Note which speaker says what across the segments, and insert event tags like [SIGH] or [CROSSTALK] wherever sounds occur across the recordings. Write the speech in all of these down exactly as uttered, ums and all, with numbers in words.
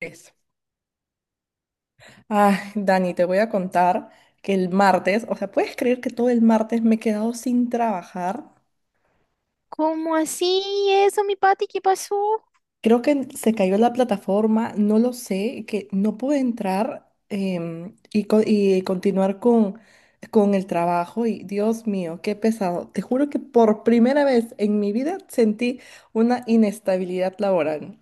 Speaker 1: Eso. Ay, Dani, te voy a contar que el martes, o sea, ¿puedes creer que todo el martes me he quedado sin trabajar?
Speaker 2: ¿Cómo así eso, mi Pati? ¿Qué pasó?
Speaker 1: Creo que se cayó la plataforma, no lo sé, que no pude entrar em, y, co- y continuar con, con el trabajo. Y Dios mío, qué pesado. Te juro que por primera vez en mi vida sentí una inestabilidad laboral.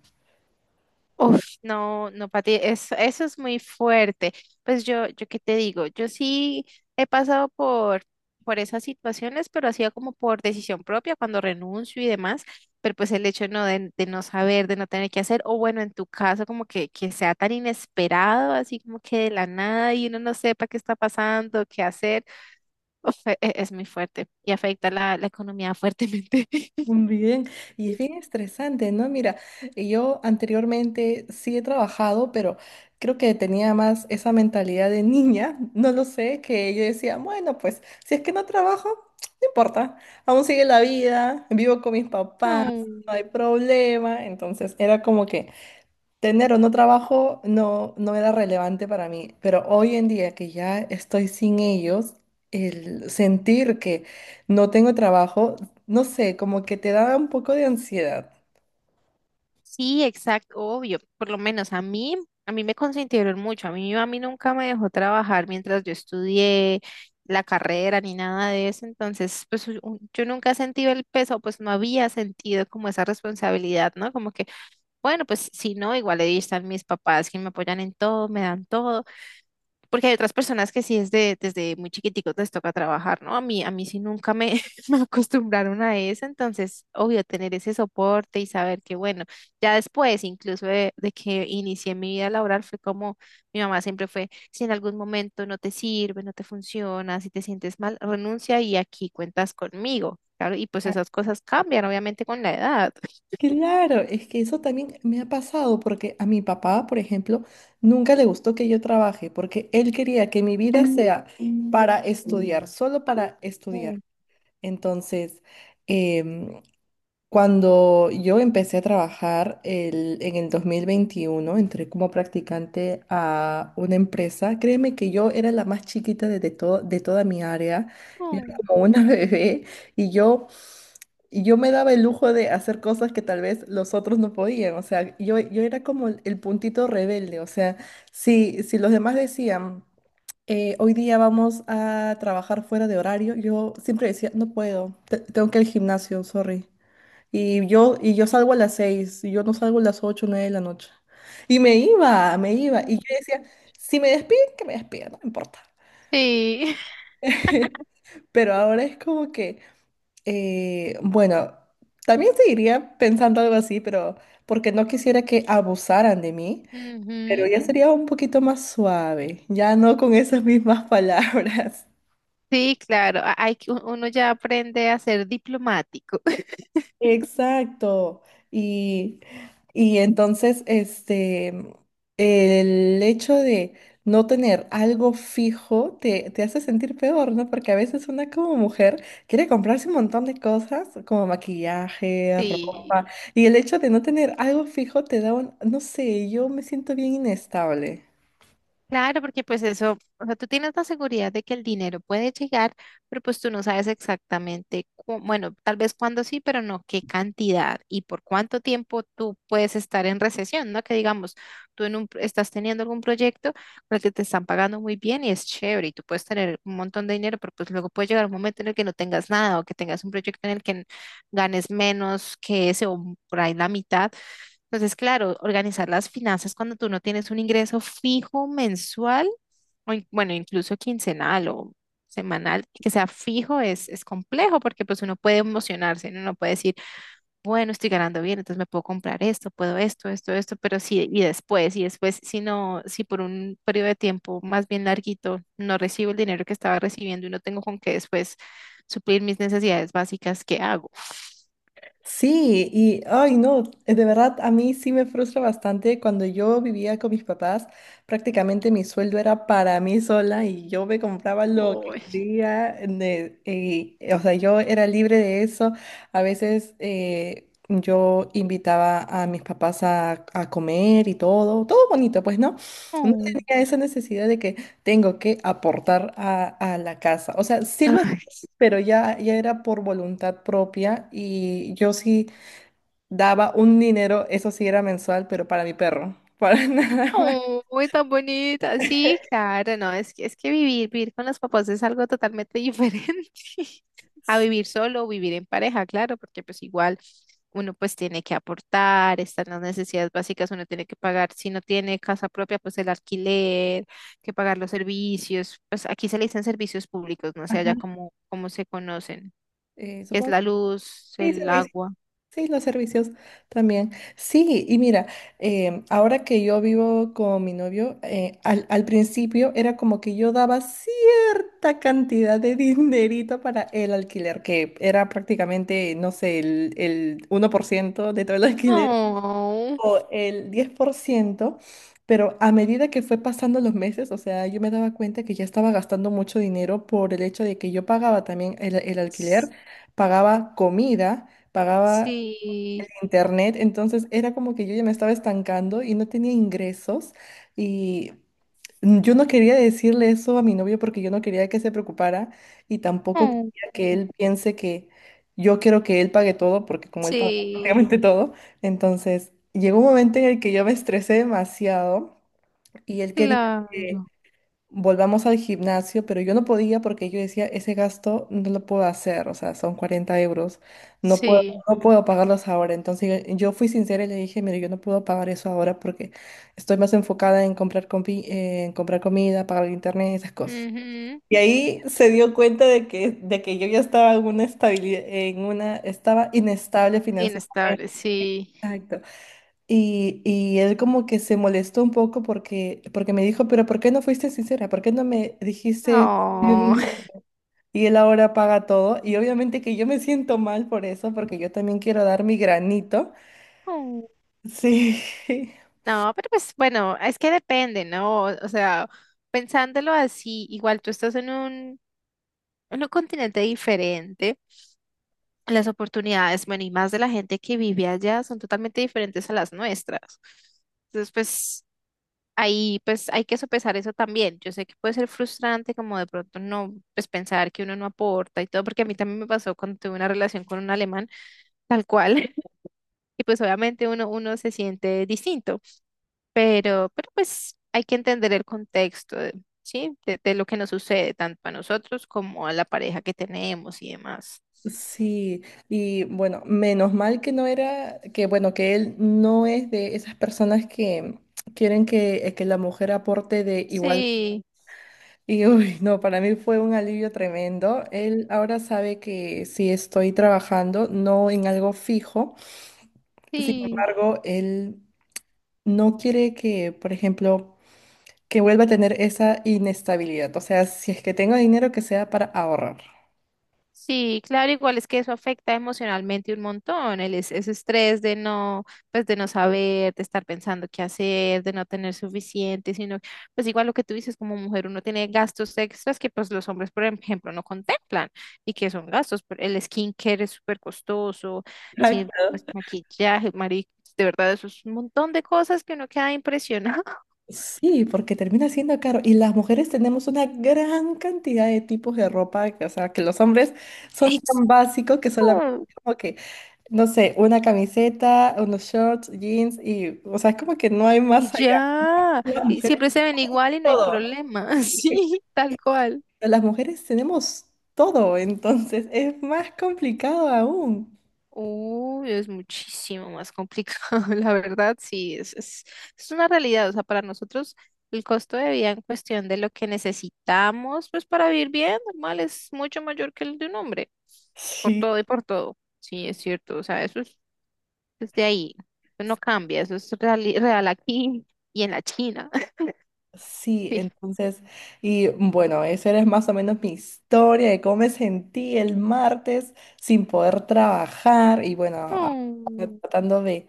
Speaker 2: Uf, no, no, Pati, eso, eso es muy fuerte. Pues yo, yo qué te digo, yo sí he pasado por, por esas situaciones, pero hacía como por decisión propia, cuando renuncio y demás, pero pues el hecho no de, de no saber, de no tener que hacer, o bueno, en tu caso, como que, que sea tan inesperado, así como que de la nada y uno no sepa qué está pasando, qué hacer, uf, e- e- es muy fuerte y afecta la, la economía fuertemente. [LAUGHS]
Speaker 1: Mm, bien, y es bien estresante, ¿no? Mira, eh, yo anteriormente sí he trabajado, pero creo que tenía más esa mentalidad de niña, [LAUGHS] no lo sé, que yo decía, bueno, pues si es que no trabajo, no importa, aún sigue la vida, vivo con mis papás,
Speaker 2: No.
Speaker 1: no hay problema, entonces era como que tener o no trabajo no, no era relevante para mí, pero hoy en día que ya estoy sin ellos, el sentir que no tengo trabajo, no sé, como que te da un poco de ansiedad.
Speaker 2: Sí, exacto, obvio. Por lo menos a mí, a mí me consintieron mucho. A mí mi mami nunca me dejó trabajar mientras yo estudié la carrera ni nada de eso. Entonces, pues u- u- yo nunca he sentido el peso, pues no había sentido como esa responsabilidad, ¿no? Como que, bueno, pues si no, igual ahí están mis papás que me apoyan en todo, me dan todo. Porque hay otras personas que sí es de, desde muy chiquiticos les toca trabajar, ¿no? A mí, a mí sí nunca me, [LAUGHS] me acostumbraron a eso, entonces, obvio, tener ese soporte y saber que, bueno, ya después, incluso de, de que inicié mi vida laboral, fue como mi mamá siempre fue, si en algún momento no te sirve, no te funciona, si te sientes mal, renuncia y aquí cuentas conmigo, claro, y pues esas cosas cambian, obviamente, con la edad.
Speaker 1: Claro, es que eso también me ha pasado porque a mi papá, por ejemplo, nunca le gustó que yo trabaje porque él quería que mi vida sea para estudiar, solo para estudiar.
Speaker 2: Mm.
Speaker 1: Entonces, cuando yo empecé a trabajar el- en el dos mil veintiuno entré como practicante a una empresa. Créeme que yo era la más chiquita de, de to- de toda mi área. Yo era
Speaker 2: Mm.
Speaker 1: como una [LAUGHS] bebé y yo, y yo me daba el lujo de hacer cosas que tal vez los otros no podían. O sea, yo, yo era como el el puntito rebelde. O sea, si, si los demás decían, eh, hoy día vamos a trabajar fuera de horario, yo siempre decía, no puedo, te- tengo que ir al gimnasio, sorry. Y yo, y yo salgo a las seis, y yo no salgo a las ocho, nueve de la noche. Y me iba, me iba. Y yo decía, si me despiden, que me despidan, no me importa.
Speaker 2: Sí. [LAUGHS]
Speaker 1: Pero ahora es como que, eh, bueno, también seguiría pensando algo así, pero porque no quisiera que abusaran de mí, pero
Speaker 2: Ujú.
Speaker 1: ya sería un poquito más suave, ya no con esas mismas [LAUGHS] palabras.
Speaker 2: Sí, claro, a- hay que uno ya aprende a ser diplomático. [LAUGHS]
Speaker 1: Exacto. Y, y entonces, este, el hecho de no tener algo fijo te, te hace sentir peor, ¿no? Porque a veces una como mujer quiere comprarse un montón de cosas, como maquillaje,
Speaker 2: Sí.
Speaker 1: ropa, y el hecho de no tener algo fijo te da un, no sé, yo me siento bien inestable.
Speaker 2: Claro, porque pues eso, o sea, tú tienes la seguridad de que el dinero puede llegar, pero pues tú no sabes exactamente, cu- bueno, tal vez cuándo sí, pero no qué cantidad y por cuánto tiempo tú puedes estar en recesión, ¿no? Que digamos, tú en un, pro- estás teniendo algún proyecto por el que te están pagando muy bien y es chévere y tú puedes tener un montón de dinero, pero pues luego puede llegar un momento en el que no tengas nada o que tengas un proyecto en el que ganes menos que ese o por ahí la mitad. Entonces, claro, organizar las finanzas cuando tú no tienes un ingreso fijo mensual, o in- bueno, incluso quincenal o semanal, que sea fijo, es, es complejo porque pues uno puede emocionarse, ¿no? Uno puede decir, bueno, estoy ganando bien, entonces me puedo comprar esto, puedo esto, esto, esto, pero sí, y después, y después, si no, si por un periodo de tiempo más bien larguito no recibo el dinero que estaba recibiendo y no tengo con qué después suplir mis necesidades básicas, ¿qué hago?
Speaker 1: Sí, y ay no, eh, de verdad a mí sí me frustra bastante. Cuando yo vivía con mis papás, prácticamente mi sueldo era para mí sola y yo me compraba lo que
Speaker 2: Uy.
Speaker 1: quería. De- y, eh, o sea, yo era libre de eso. A veces eh, yo invitaba a mis papás a, a comer y todo, todo bonito, pues, ¿no? No
Speaker 2: Oh.
Speaker 1: tenía esa necesidad de que tengo que aportar a, a la casa. O sea, sí lo,
Speaker 2: Ay.
Speaker 1: pero ya, ya era por voluntad propia y yo sí daba un dinero, eso sí era mensual, pero para mi perro, para [LAUGHS] nada más.
Speaker 2: Uy, tan bonita. Sí, claro, no, es que, es que vivir, vivir con los papás es algo totalmente diferente [LAUGHS] a vivir solo o vivir en pareja, claro, porque pues igual uno pues tiene que aportar, están las necesidades básicas, uno tiene que pagar, si no tiene casa propia, pues el alquiler, que pagar los servicios, pues aquí se le dicen servicios públicos, no sé
Speaker 1: Ajá,
Speaker 2: allá cómo, cómo se conocen,
Speaker 1: eh,
Speaker 2: que es
Speaker 1: supongo.
Speaker 2: la luz,
Speaker 1: Sí,
Speaker 2: el
Speaker 1: servicios.
Speaker 2: agua.
Speaker 1: Sí, los servicios también. Sí, y mira, em, ahora que yo vivo con mi novio, eh, al, al principio era como que yo daba cierta cantidad de [LAUGHS] dinerito para el alquiler, que era prácticamente, no sé, el, el uno por ciento de todo el alquiler.
Speaker 2: Oh,
Speaker 1: O el diez por ciento. Pero a medida que fue pasando los meses, o sea, yo me daba cuenta que ya estaba gastando mucho dinero por el hecho de que yo pagaba también el, el alquiler, pagaba comida, pagaba
Speaker 2: sí.
Speaker 1: internet, entonces era como que yo ya me estaba estancando y no tenía ingresos y Mm, yo no quería decirle eso a mi novio porque yo no quería que se preocupara y tampoco
Speaker 2: Oh,
Speaker 1: quería que él piense que yo quiero que él pague todo porque como él paga [LAUGHS]
Speaker 2: sí.
Speaker 1: prácticamente todo, entonces llegó un momento en el que yo me estresé demasiado y él quería que
Speaker 2: Claro,
Speaker 1: volvamos al gimnasio, pero yo no podía porque yo decía, ese gasto no lo puedo hacer, o sea, son cuarenta euros, no puedo,
Speaker 2: sí.
Speaker 1: no puedo pagarlos ahora. Entonces yo yo fui sincera y le dije, mire, yo no puedo pagar eso ahora porque estoy más enfocada en comprar, compi- en comprar comida, pagar el internet, esas cosas.
Speaker 2: Ujú.
Speaker 1: Y ahí se dio cuenta de que, de que yo ya estaba en una estabilidad, en una, estaba inestable financieramente.
Speaker 2: Inestable, sí.
Speaker 1: Exacto. Y, y él como que se molestó un poco porque, porque me dijo, pero ¿por qué no fuiste sincera? ¿Por qué no me dijiste? Yo
Speaker 2: Oh. [LAUGHS]
Speaker 1: Y él ahora paga todo. Y obviamente que yo me siento mal por eso, porque yo también quiero dar mi granito.
Speaker 2: Mm.
Speaker 1: Sí, [LAUGHS]
Speaker 2: No, pero pues bueno, es que depende, ¿no? O, o sea, pensándolo así, igual tú estás en un, en un continente diferente, las oportunidades, bueno, y más de la gente que vive allá son totalmente diferentes a las nuestras. Entonces, pues ahí pues hay que sopesar eso también. Yo sé que puede ser frustrante como de pronto no, pues pensar que uno no aporta y todo, porque a mí también me pasó cuando tuve una relación con un alemán. Tal cual. [LAUGHS] Y pues obviamente uno, uno se siente distinto, pero, pero pues hay que entender el contexto, de- ¿sí? De, de lo que nos sucede, tanto a nosotros como a la pareja que tenemos y demás.
Speaker 1: sí. Y bueno, menos mal que no era, que bueno, que él no es de esas personas que quieren que, que la mujer aporte de igual.
Speaker 2: Sí,
Speaker 1: Y uy, no, para mí fue un alivio tremendo. Él ahora sabe que sí estoy trabajando, no en algo fijo. Sin
Speaker 2: sí.
Speaker 1: embargo, él no quiere que, por ejemplo, que vuelva a tener esa inestabilidad. O sea, si es que tengo dinero, que sea para ahorrar.
Speaker 2: Sí, claro, igual es que eso afecta emocionalmente un montón, el es- ese estrés de no, pues de no saber, de estar pensando qué hacer, de no tener suficiente, sino, pues igual lo que tú dices como mujer, uno tiene gastos extras que pues los hombres, por ejemplo, no contemplan y que son gastos, pero el skincare es súper costoso, sí, pues
Speaker 1: Exacto.
Speaker 2: maquillaje, mari, de verdad, eso es un montón de cosas que uno queda impresionado. [LAUGHS]
Speaker 1: Sí, porque termina siendo caro. Y las mujeres tenemos una gran cantidad de tipos de ropa, que, o sea, que los hombres son tan básicos que solamente
Speaker 2: Eso.
Speaker 1: como que no sé, una camiseta, unos shorts, jeans y, o sea, es como que no hay
Speaker 2: Y
Speaker 1: más allá.
Speaker 2: ya,
Speaker 1: Las
Speaker 2: y
Speaker 1: mujeres,
Speaker 2: siempre se ven igual y no hay
Speaker 1: todo.
Speaker 2: problema, [LAUGHS] sí, tal cual.
Speaker 1: Las mujeres tenemos todo, entonces [LAUGHS] es más complicado aún.
Speaker 2: Uy, es muchísimo más complicado, [LAUGHS] la verdad, sí, es, es, es una realidad, o sea, para nosotros el costo de vida en cuestión de lo que necesitamos, pues para vivir bien, normal, es mucho mayor que el de un hombre, por
Speaker 1: Sí,
Speaker 2: todo y por todo, sí, es cierto, o sea, eso es desde ahí, eso no cambia, eso es real, real aquí y en la China,
Speaker 1: sí,
Speaker 2: [LAUGHS] sí.
Speaker 1: entonces, y bueno, esa era más o menos mi historia de cómo me sentí el martes sin poder trabajar y bueno, a-
Speaker 2: Oh,
Speaker 1: tratando de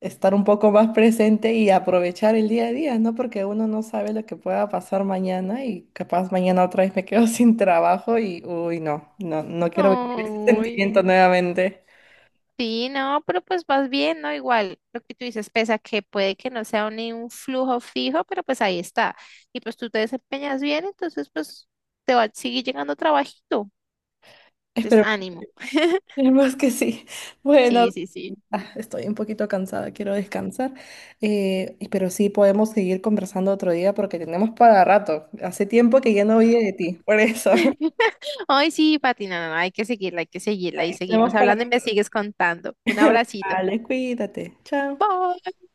Speaker 1: estar un poco más presente y aprovechar el día a día, ¿no? Porque uno no sabe lo que pueda pasar mañana y capaz mañana otra vez me quedo [LAUGHS] sin trabajo y, uy, no, no, no quiero vivir ese
Speaker 2: ay,
Speaker 1: sentimiento nuevamente.
Speaker 2: sí, no, pero pues vas bien, ¿no? Igual, lo que tú dices, pese a que puede que no sea un, un flujo fijo, pero pues ahí está. Y pues tú te desempeñas bien, entonces pues te va a seguir llegando trabajito. Entonces,
Speaker 1: Espero, [LAUGHS]
Speaker 2: ánimo. [LAUGHS]
Speaker 1: esperemos que sí. Bueno,
Speaker 2: Sí, sí, sí.
Speaker 1: ah, estoy un poquito cansada, quiero descansar, eh, y- pero sí podemos seguir conversando otro día porque tenemos para rato. Hace tiempo que ya no oí de ti, por eso. [LAUGHS]
Speaker 2: [LAUGHS] Ay, sí, Pati, no, no, no, hay que seguirla, hay que seguirla y seguimos
Speaker 1: Tenemos para...
Speaker 2: hablando y me sigues contando. Un
Speaker 1: [LAUGHS]
Speaker 2: abracito.
Speaker 1: Vale, cuídate. Chao.
Speaker 2: Bye.